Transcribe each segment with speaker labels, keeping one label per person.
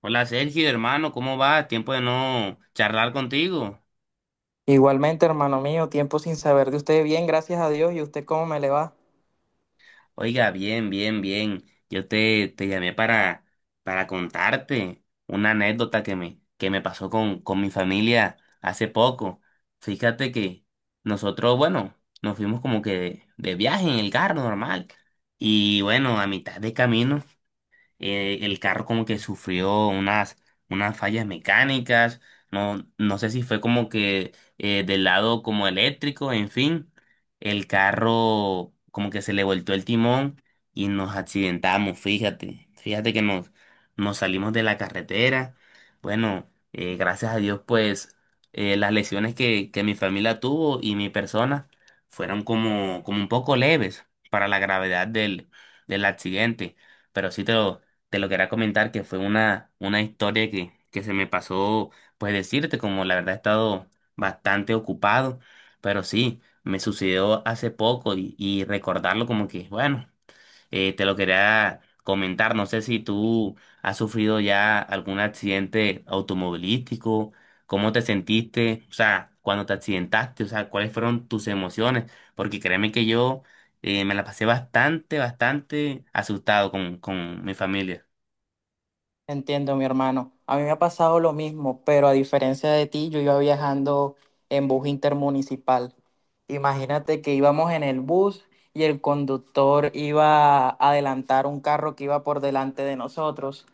Speaker 1: Hola Sergio, hermano, ¿cómo vas? Tiempo de no charlar contigo.
Speaker 2: Igualmente, hermano mío, tiempo sin saber de usted. Bien, gracias a Dios. ¿Y usted cómo me le va?
Speaker 1: Oiga, bien, bien, bien. Yo te llamé para contarte una anécdota que me pasó con mi familia hace poco. Fíjate que nosotros, bueno, nos fuimos como que de viaje en el carro normal. Y bueno, a mitad de camino, el carro como que sufrió unas fallas mecánicas, no sé si fue como que del lado como eléctrico, en fin, el carro como que se le voltó el timón y nos accidentamos, fíjate, nos salimos de la carretera, bueno, gracias a Dios pues las lesiones que mi familia tuvo y mi persona fueron como, como un poco leves para la gravedad del accidente, pero te lo quería comentar que fue una historia que se me pasó, pues decirte, como la verdad he estado bastante ocupado, pero sí, me sucedió hace poco y recordarlo como que, bueno, te lo quería comentar, no sé si tú has sufrido ya algún accidente automovilístico, cómo te sentiste, o sea, cuando te accidentaste, o sea, cuáles fueron tus emociones, porque créeme que yo me la pasé bastante, bastante asustado con mi familia.
Speaker 2: Entiendo, mi hermano. A mí me ha pasado lo mismo, pero a diferencia de ti, yo iba viajando en bus intermunicipal. Imagínate que íbamos en el bus y el conductor iba a adelantar un carro que iba por delante de nosotros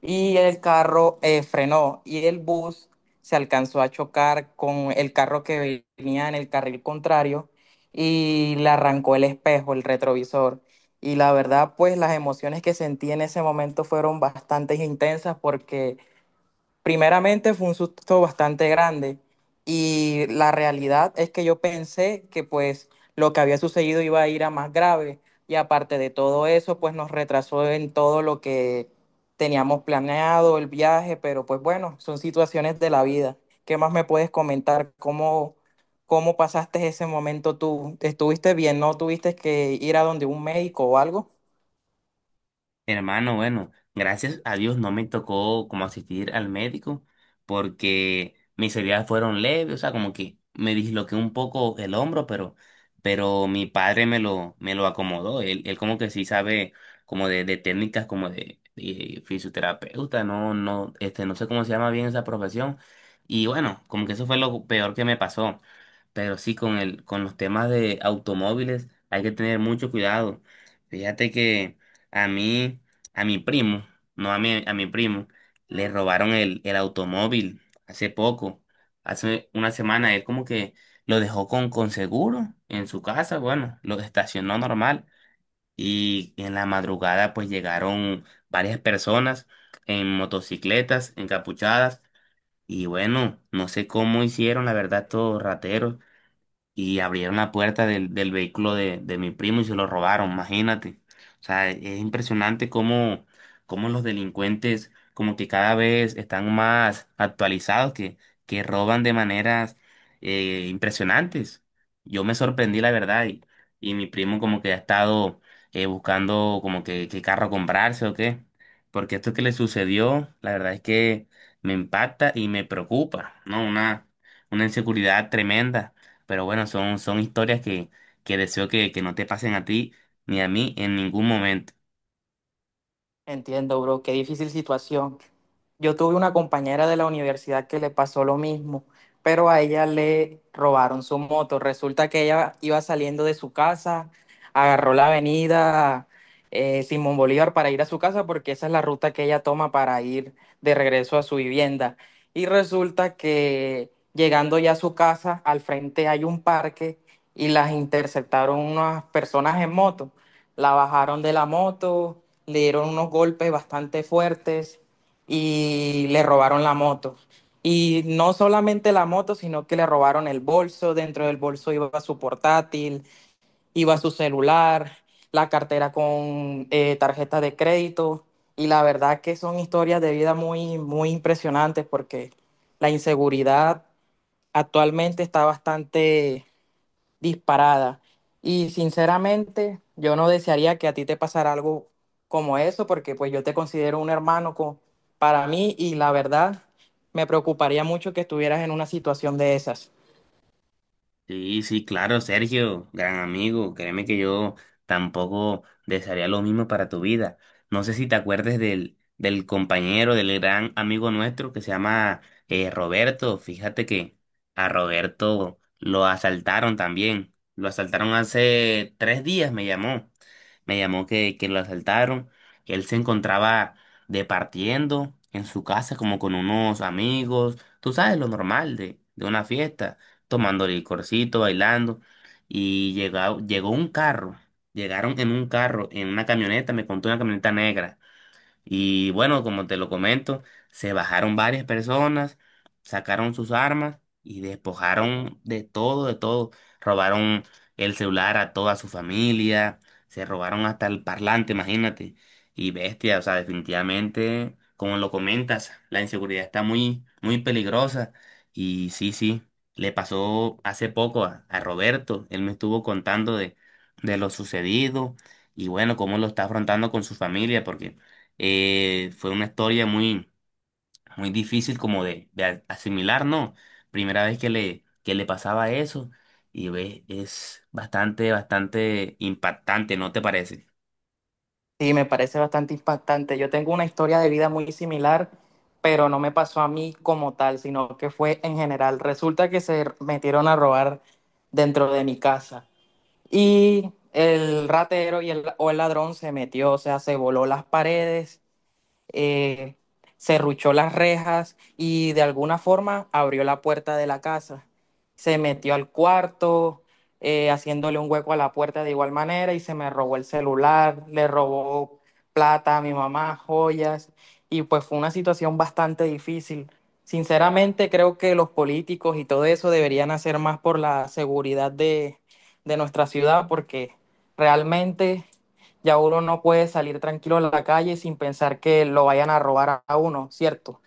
Speaker 2: y el carro frenó y el bus se alcanzó a chocar con el carro que venía en el carril contrario y le arrancó el espejo, el retrovisor. Y la verdad, pues las emociones que sentí en ese momento fueron bastante intensas porque primeramente fue un susto bastante grande y la realidad es que yo pensé que pues lo que había sucedido iba a ir a más grave y aparte de todo eso, pues nos retrasó en todo lo que teníamos planeado, el viaje, pero pues bueno, son situaciones de la vida. ¿Qué más me puedes comentar? ¿Cómo, cómo pasaste ese momento tú? ¿Estuviste bien? ¿No tuviste que ir a donde un médico o algo?
Speaker 1: Hermano, bueno, gracias a Dios no me tocó como asistir al médico porque mis heridas fueron leves, o sea, como que me disloqué un poco el hombro, pero mi padre me lo acomodó. Él como que sí sabe como de técnicas como de fisioterapeuta, no, no, este, no sé cómo se llama bien esa profesión. Y bueno, como que eso fue lo peor que me pasó. Pero sí, con el, con los temas de automóviles hay que tener mucho cuidado. Fíjate que a mí, a mi primo, no a mí, a mi primo, le robaron el automóvil hace poco, hace una semana. Él como que lo dejó con seguro en su casa, bueno, lo estacionó normal. Y en la madrugada pues llegaron varias personas en motocicletas, encapuchadas. Y bueno, no sé cómo hicieron, la verdad, todos rateros, y abrieron la puerta del vehículo de mi primo y se lo robaron, imagínate. O sea, es impresionante cómo, cómo los delincuentes como que cada vez están más actualizados, que roban de maneras impresionantes. Yo me sorprendí, la verdad, y mi primo como que ha estado buscando como que qué carro comprarse o qué, porque esto que le sucedió, la verdad es que me impacta y me preocupa, ¿no? Una inseguridad tremenda. Pero bueno, son, son historias que deseo que no te pasen a ti ni a mí en ningún momento.
Speaker 2: Entiendo, bro, qué difícil situación. Yo tuve una compañera de la universidad que le pasó lo mismo, pero a ella le robaron su moto. Resulta que ella iba saliendo de su casa, agarró la avenida Simón Bolívar para ir a su casa porque esa es la ruta que ella toma para ir de regreso a su vivienda. Y resulta que llegando ya a su casa, al frente hay un parque y las interceptaron unas personas en moto. La bajaron de la moto, le dieron unos golpes bastante fuertes y le robaron la moto. Y no solamente la moto, sino que le robaron el bolso. Dentro del bolso iba su portátil, iba su celular, la cartera con tarjeta de crédito. Y la verdad que son historias de vida muy, muy impresionantes porque la inseguridad actualmente está bastante disparada. Y sinceramente, yo no desearía que a ti te pasara algo como eso, porque pues yo te considero un hermano co- para mí y la verdad me preocuparía mucho que estuvieras en una situación de esas.
Speaker 1: Sí, sí, claro, Sergio, gran amigo. Créeme que yo tampoco desearía lo mismo para tu vida. No sé si te acuerdes del compañero, del gran amigo nuestro que se llama Roberto. Fíjate que a Roberto lo asaltaron también. Lo asaltaron hace tres días, me llamó. Me llamó que lo asaltaron. Él se encontraba departiendo en su casa como con unos amigos. Tú sabes lo normal de una fiesta tomando licorcito, bailando, y llegó un carro, llegaron en un carro, en una camioneta, me contó una camioneta negra. Y bueno, como te lo comento, se bajaron varias personas, sacaron sus armas y despojaron de todo, de todo. Robaron el celular a toda su familia, se robaron hasta el parlante, imagínate. Y bestia, o sea, definitivamente, como lo comentas, la inseguridad está muy, muy peligrosa. Y sí, sí, le pasó hace poco a Roberto, él me estuvo contando de lo sucedido y bueno, cómo lo está afrontando con su familia, porque... fue una historia muy, muy difícil como de asimilar, ¿no? Primera vez que le pasaba eso y ves, es bastante, bastante impactante, ¿no te parece?
Speaker 2: Sí, me parece bastante impactante. Yo tengo una historia de vida muy similar, pero no me pasó a mí como tal, sino que fue en general. Resulta que se metieron a robar dentro de mi casa. Y el ratero y el, o el ladrón se metió, o sea, se voló las paredes, eh, cerruchó las rejas y de alguna forma abrió la puerta de la casa. Se metió al cuarto, haciéndole un hueco a la puerta de igual manera y se me robó el celular, le robó plata a mi mamá, joyas, y pues fue una situación bastante difícil. Sinceramente creo que los políticos y todo eso deberían hacer más por la seguridad de nuestra ciudad porque realmente ya uno no puede salir tranquilo a la calle sin pensar que lo vayan a robar a uno, ¿cierto?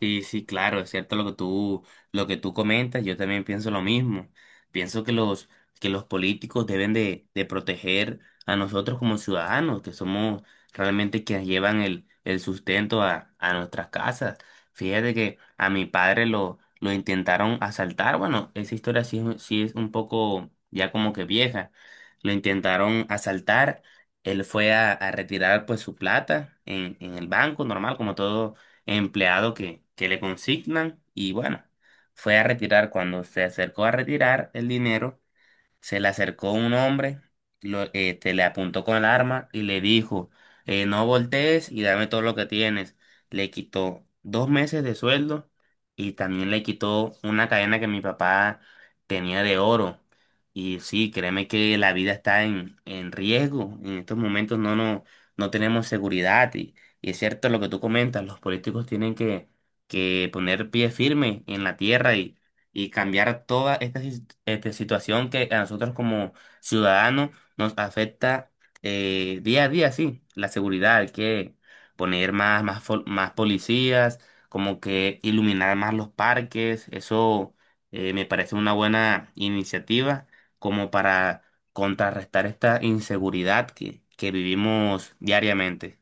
Speaker 1: Sí, sí, claro, es cierto lo que tú comentas, yo también pienso lo mismo. Pienso que que los políticos deben de proteger a nosotros como ciudadanos, que somos realmente quienes llevan el sustento a nuestras casas. Fíjate que a mi padre lo intentaron asaltar, bueno, esa historia sí, sí es un poco ya como que vieja. Lo intentaron asaltar, él fue a retirar pues su plata en el banco normal, como todo empleado que le consignan y bueno, fue a retirar. Cuando se acercó a retirar el dinero, se le acercó un hombre, este, le apuntó con el arma y le dijo, no voltees y dame todo lo que tienes. Le quitó dos meses de sueldo y también le quitó una cadena que mi papá tenía de oro. Y sí, créeme que la vida está en riesgo. En estos momentos no, no, no tenemos seguridad. Y es cierto lo que tú comentas, los políticos tienen que poner pie firme en la tierra y cambiar toda esta, este, situación que a nosotros como ciudadanos nos afecta día a día. Sí, la seguridad, hay que poner más, más policías, como que iluminar más los parques, eso me parece una buena iniciativa como para contrarrestar esta inseguridad que vivimos diariamente.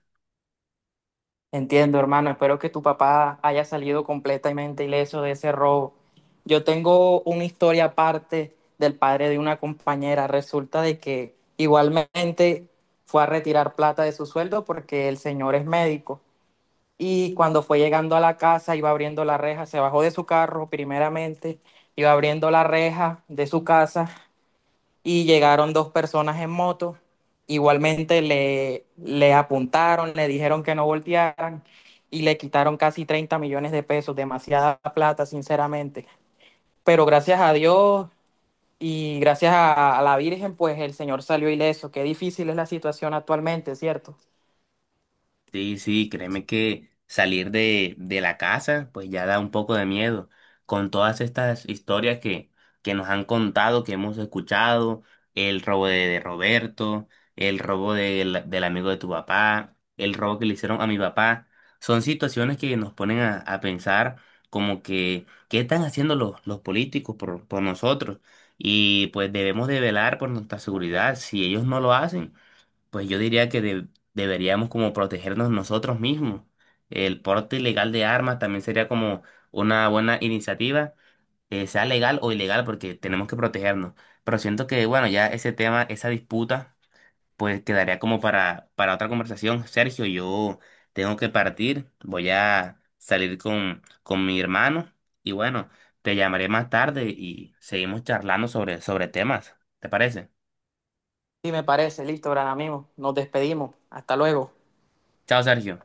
Speaker 2: Entiendo, hermano. Espero que tu papá haya salido completamente ileso de ese robo. Yo tengo una historia aparte del padre de una compañera. Resulta de que igualmente fue a retirar plata de su sueldo porque el señor es médico. Y cuando fue llegando a la casa, iba abriendo la reja, se bajó de su carro primeramente, iba abriendo la reja de su casa y llegaron 2 personas en moto. Igualmente le, le apuntaron, le dijeron que no voltearan y le quitaron casi 30 millones de pesos, demasiada plata, sinceramente. Pero gracias a Dios y gracias a la Virgen, pues el Señor salió ileso. Qué difícil es la situación actualmente, ¿cierto?
Speaker 1: Sí, sí, créeme que salir de la casa pues ya da un poco de miedo con todas estas historias que nos han contado, que hemos escuchado, el robo de Roberto, el robo del amigo de tu papá, el robo que le hicieron a mi papá, son situaciones que nos ponen a pensar como que qué están haciendo los políticos por nosotros, y pues debemos de velar por nuestra seguridad, si ellos no lo hacen pues yo diría que deberíamos como protegernos nosotros mismos. El porte ilegal de armas también sería como una buena iniciativa, sea legal o ilegal, porque tenemos que protegernos. Pero siento que, bueno, ya ese tema, esa disputa, pues quedaría como para otra conversación. Sergio, yo tengo que partir, voy a salir con mi hermano y bueno, te llamaré más tarde y seguimos charlando sobre, sobre temas. ¿Te parece?
Speaker 2: Sí, me parece. Listo, gran amigo. Nos despedimos. Hasta luego.
Speaker 1: Chao, Sergio.